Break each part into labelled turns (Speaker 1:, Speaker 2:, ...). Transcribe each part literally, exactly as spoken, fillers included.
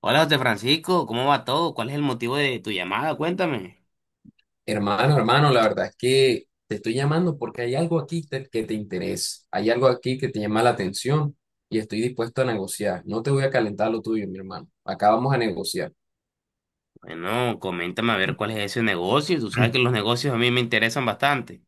Speaker 1: Hola José Francisco, ¿cómo va todo? ¿Cuál es el motivo de tu llamada? Cuéntame.
Speaker 2: Hermano, hermano, la verdad es que te estoy llamando porque hay algo aquí te- que te interesa, hay algo aquí que te llama la atención y estoy dispuesto a negociar. No te voy a calentar lo tuyo, mi hermano. Acá vamos a negociar.
Speaker 1: Bueno, coméntame a ver cuál es ese negocio. Tú sabes que los negocios a mí me interesan bastante.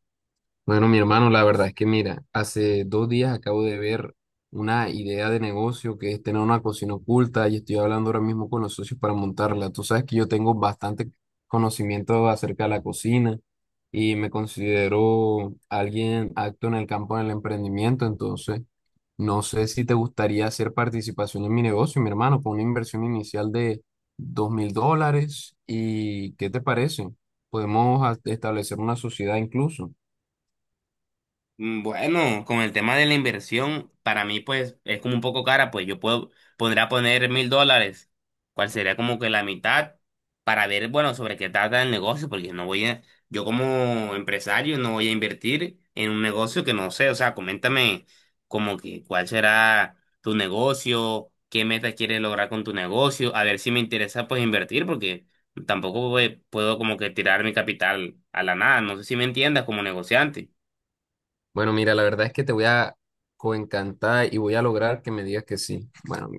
Speaker 2: Bueno, mi hermano, la verdad es que mira, hace dos días acabo de ver una idea de negocio que es tener una cocina oculta y estoy hablando ahora mismo con los socios para montarla. Tú sabes que yo tengo bastante conocimiento acerca de la cocina y me considero alguien acto en el campo del emprendimiento, entonces no sé si te gustaría hacer participación en mi negocio, mi hermano, con una inversión inicial de dos mil dólares y ¿qué te parece? Podemos a- establecer una sociedad incluso.
Speaker 1: Mm, bueno, con el tema de la inversión, para mí pues es como un poco cara, pues yo puedo, podría poner mil dólares, cual sería como que la mitad, para ver, bueno, sobre qué trata el negocio, porque no voy a, yo como empresario no voy a invertir en un negocio que no sé, o sea, coméntame como que cuál será tu negocio, qué meta quieres lograr con tu negocio, a ver si me interesa pues invertir, porque tampoco pues, puedo como que tirar mi capital a la nada, no sé si me entiendas como negociante.
Speaker 2: Bueno, mira, la verdad es que te voy a coencantar y voy a lograr que me digas que sí. Bueno, mi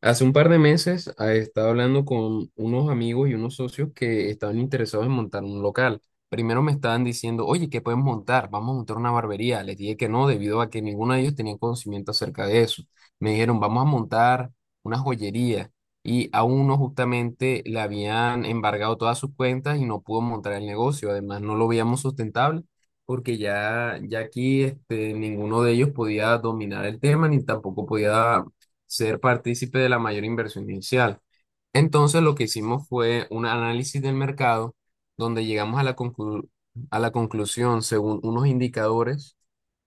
Speaker 2: hace un par de meses ah, estaba hablando con unos amigos y unos socios que estaban interesados en montar un local. Primero me estaban diciendo, oye, ¿qué pueden montar? Vamos a montar una barbería. Les dije que no, debido a que ninguno de ellos tenía conocimiento acerca de eso. Me dijeron, vamos a montar una joyería. Y a uno justamente le habían embargado todas sus cuentas y no pudo montar el negocio. Además, no lo veíamos sustentable porque ya, ya aquí este, ninguno de ellos podía dominar el tema ni tampoco podía ser partícipe de la mayor inversión inicial. Entonces lo que hicimos fue un análisis del mercado donde llegamos a la conclu- a la conclusión, según unos indicadores,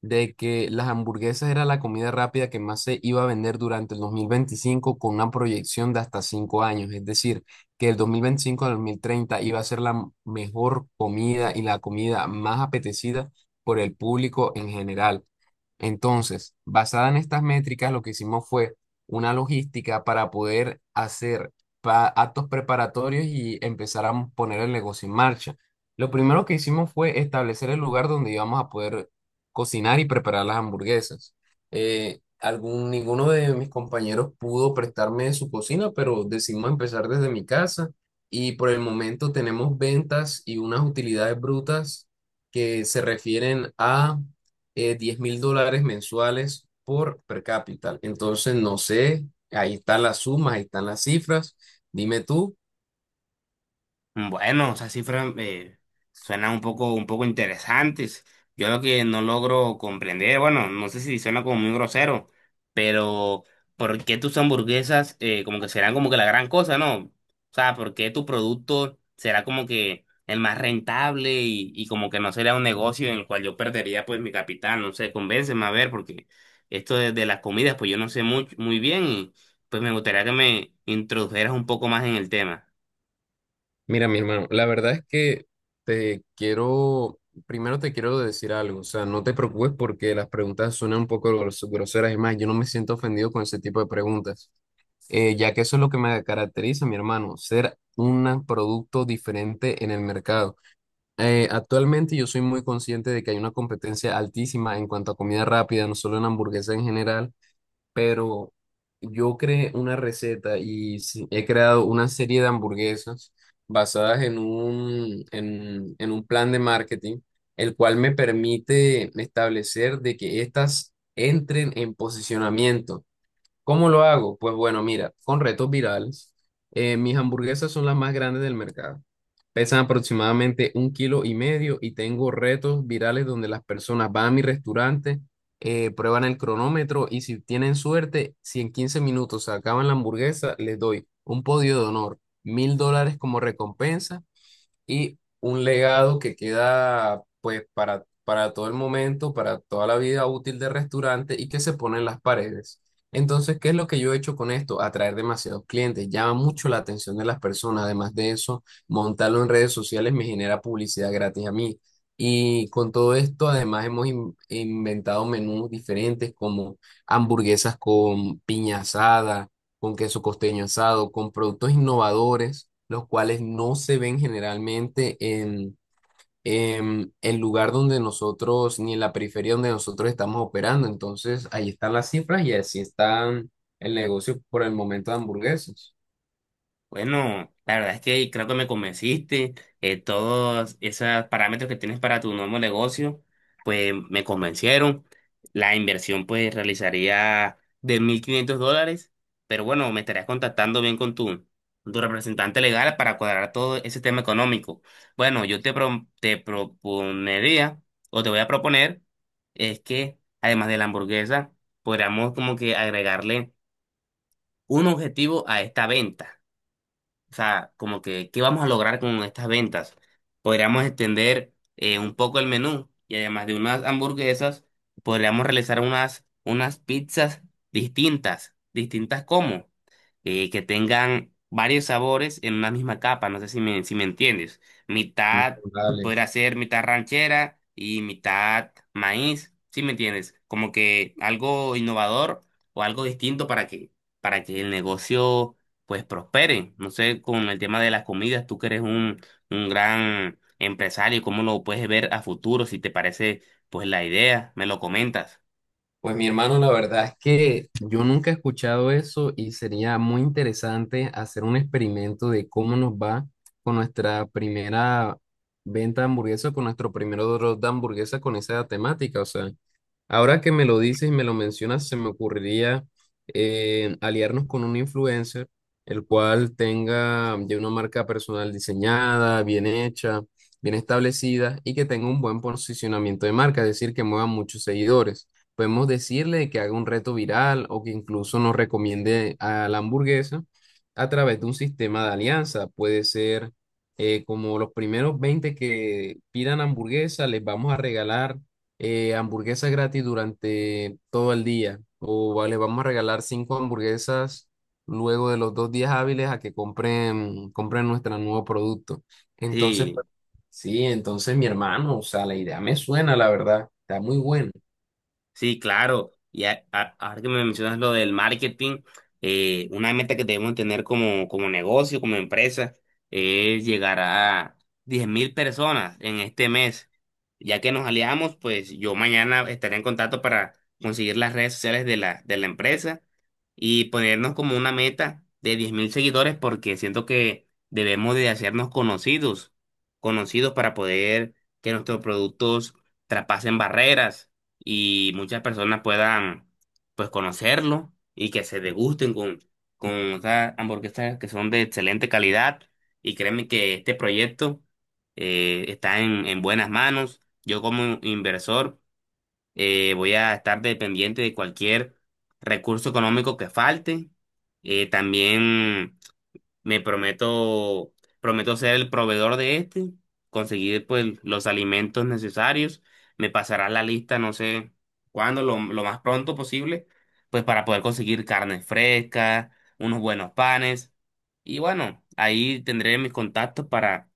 Speaker 2: de que las hamburguesas era la comida rápida que más se iba a vender durante el dos mil veinticinco con una proyección de hasta cinco años. Es decir, que el dos mil veinticinco al dos mil treinta iba a ser la m- mejor comida y la comida más apetecida por el público en general. Entonces, basada en estas métricas, lo que hicimos fue una logística para poder hacer pa- actos preparatorios y empezar a poner el negocio en marcha. Lo primero que hicimos fue establecer el lugar donde íbamos a poder cocinar y preparar las hamburguesas. Eh, algún, ninguno de mis compañeros pudo prestarme su cocina, pero decidimos empezar desde mi casa y por el momento tenemos ventas y unas utilidades brutas que se refieren a eh, diez mil dólares mensuales por per cápita. Entonces, no sé, ahí están las sumas, ahí están las cifras. Dime tú.
Speaker 1: Bueno, o sea, cifras eh, suenan un poco, un poco interesantes. Yo lo que no logro comprender, bueno, no sé si suena como muy grosero, pero ¿por qué tus hamburguesas eh, como que serán como que la gran cosa, ¿no? O sea, ¿por qué tu producto será como que el más rentable y, y como que no sería un negocio en el cual yo perdería pues mi capital? No sé, convénceme a ver, porque esto de, de las comidas, pues yo no sé muy, muy bien y pues me gustaría que me introdujeras un poco más en el tema.
Speaker 2: Mira, mi hermano, la verdad es que te quiero, primero te quiero decir algo, o sea, no te preocupes porque las preguntas suenan un poco gros- groseras y más, yo no me siento ofendido con ese tipo de preguntas, eh, ya que eso es lo que me caracteriza, mi hermano, ser un producto diferente en el mercado. Eh, actualmente yo soy muy consciente de que hay una competencia altísima en cuanto a comida rápida, no solo en hamburguesas en general, pero yo creé una receta y sí, he creado una serie de hamburguesas basadas en un, en, en un plan de marketing, el cual me permite establecer de que estas entren en posicionamiento. ¿Cómo lo hago? Pues bueno, mira, con retos virales, eh, mis hamburguesas son las más grandes del mercado. Pesan aproximadamente un kilo y medio y tengo retos virales donde las personas van a mi restaurante, eh, prueban el cronómetro y si tienen suerte, si en quince minutos se acaban la hamburguesa, les doy un podio de honor, mil dólares como recompensa y un legado que queda pues para, para todo el momento, para toda la vida útil del restaurante y que se pone en las paredes. Entonces, ¿qué es lo que yo he hecho con esto? Atraer demasiados clientes, llama mucho la atención de las personas. Además de eso, montarlo en redes sociales me genera publicidad gratis a mí. Y con todo esto, además, hemos in- inventado menús diferentes como hamburguesas con piña asada con queso costeño asado, con productos innovadores, los cuales no se ven generalmente en, en el lugar donde nosotros, ni en la periferia donde nosotros estamos operando. Entonces, ahí están las cifras y así está el negocio por el momento de hamburguesas.
Speaker 1: Bueno, la verdad es que creo que me convenciste. Eh, todos esos parámetros que tienes para tu nuevo negocio, pues me convencieron. La inversión pues realizaría de mil quinientos dólares, pero bueno, me estarías contactando bien con tu, con tu representante legal para cuadrar todo ese tema económico. Bueno, yo te, pro- te proponería o te voy a proponer es que además de la hamburguesa, podríamos como que agregarle un objetivo a esta venta. O sea, como que, ¿qué vamos a lograr con estas ventas? Podríamos extender eh, un poco el menú y además de unas hamburguesas, podríamos realizar unas, unas pizzas distintas. ¿Distintas cómo? Eh, que tengan varios sabores en una misma capa, no sé si me, si me entiendes.
Speaker 2: Mm.
Speaker 1: Mitad
Speaker 2: Dale.
Speaker 1: podrá ser mitad ranchera y mitad maíz, ¿sí me entiendes? Como que algo innovador o algo distinto para que, para que el negocio pues prospere. No sé, con el tema de las comidas, tú que eres un, un gran empresario, ¿cómo lo puedes ver a futuro? Si te parece pues la idea, me lo comentas.
Speaker 2: Pues mi hermano, la verdad es que yo nunca he escuchado eso y sería muy interesante hacer un experimento de cómo nos va con nuestra primera venta de hamburguesa, con nuestro primer drop de hamburguesa con esa temática. O sea, ahora que me lo dices y me lo mencionas, se me ocurriría eh, aliarnos con un influencer, el cual tenga ya una marca personal diseñada, bien hecha, bien establecida y que tenga un buen posicionamiento de marca, es decir, que mueva muchos seguidores. Podemos decirle que haga un reto viral o que incluso nos recomiende a la hamburguesa a través de un sistema de alianza. Puede ser eh, como los primeros veinte que pidan hamburguesa, les vamos a regalar eh, hamburguesas gratis durante todo el día. O vale, vamos a regalar cinco hamburguesas luego de los dos días hábiles a que compren, compren nuestro nuevo producto. Entonces,
Speaker 1: Sí.
Speaker 2: pues, sí, entonces mi hermano, o sea, la idea me suena, la verdad, está muy buena.
Speaker 1: Sí, claro. Y a- a- ahora que me mencionas lo del marketing, eh, una meta que debemos tener como, como negocio, como empresa, es llegar a diez mil personas en este mes. Ya que nos aliamos, pues yo mañana estaré en contacto para conseguir las redes sociales de la, de la empresa y ponernos como una meta de diez mil seguidores porque siento que debemos de hacernos conocidos, conocidos para poder que nuestros productos traspasen barreras y muchas personas puedan pues conocerlo y que se degusten con, con esas hamburguesas que son de excelente calidad y créeme que este proyecto eh, está en, en buenas manos. Yo como inversor eh, voy a estar dependiente de cualquier recurso económico que falte. Eh, también me prometo, prometo ser el proveedor de este, conseguir pues los alimentos necesarios. Me pasarás la lista, no sé cuándo, lo, lo más pronto posible, pues para poder conseguir carne fresca, unos buenos panes. Y bueno, ahí tendré mis contactos para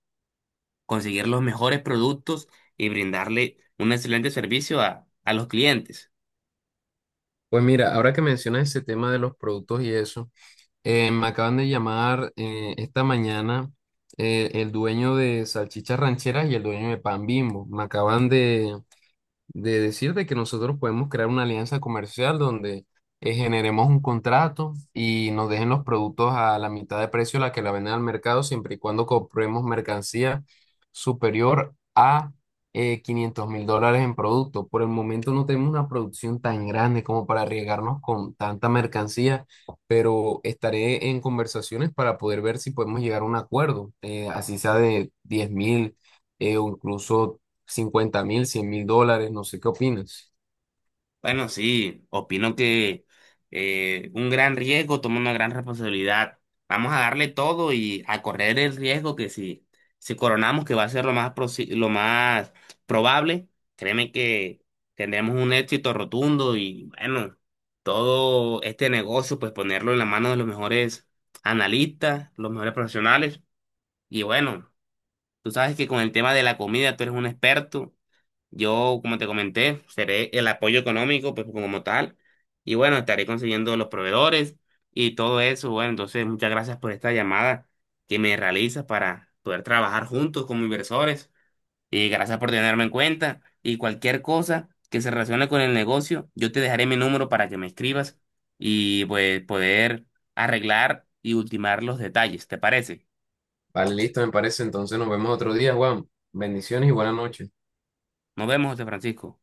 Speaker 1: conseguir los mejores productos y brindarle un excelente servicio a, a los clientes.
Speaker 2: Pues mira, ahora que mencionas ese tema de los productos y eso, eh, me acaban de llamar, eh, esta mañana, eh, el dueño de Salchichas Rancheras y el dueño de Pan Bimbo. Me acaban de, de decirte que nosotros podemos crear una alianza comercial donde eh, generemos un contrato y nos dejen los productos a la mitad de precio a la que la venden al mercado, siempre y cuando compremos mercancía superior a eh, quinientos mil dólares en producto. Por el momento no tenemos una producción tan grande como para arriesgarnos con tanta mercancía, pero estaré en conversaciones para poder ver si podemos llegar a un acuerdo, eh, así sea de diez mil. eh, o incluso cincuenta mil, cien mil dólares, no sé qué opinas.
Speaker 1: Bueno, sí, opino que eh, un gran riesgo toma una gran responsabilidad. Vamos a darle todo y a correr el riesgo que si, si coronamos, que va a ser lo más, prosi- lo más probable, créeme que tendremos un éxito rotundo y bueno, todo este negocio, pues ponerlo en la mano de los mejores analistas, los mejores profesionales. Y bueno, tú sabes que con el tema de la comida tú eres un experto. Yo, como te comenté, seré el apoyo económico, pues como tal. Y bueno, estaré consiguiendo los proveedores y todo eso. Bueno, entonces muchas gracias por esta llamada que me realizas para poder trabajar juntos como inversores. Y gracias por tenerme en cuenta. Y cualquier cosa que se relacione con el negocio, yo te dejaré mi número para que me escribas y pues poder arreglar y ultimar los detalles. ¿Te parece?
Speaker 2: Vale, listo, me parece. Entonces nos vemos otro día, Juan. Bendiciones y buenas noches.
Speaker 1: Nos vemos, José Francisco.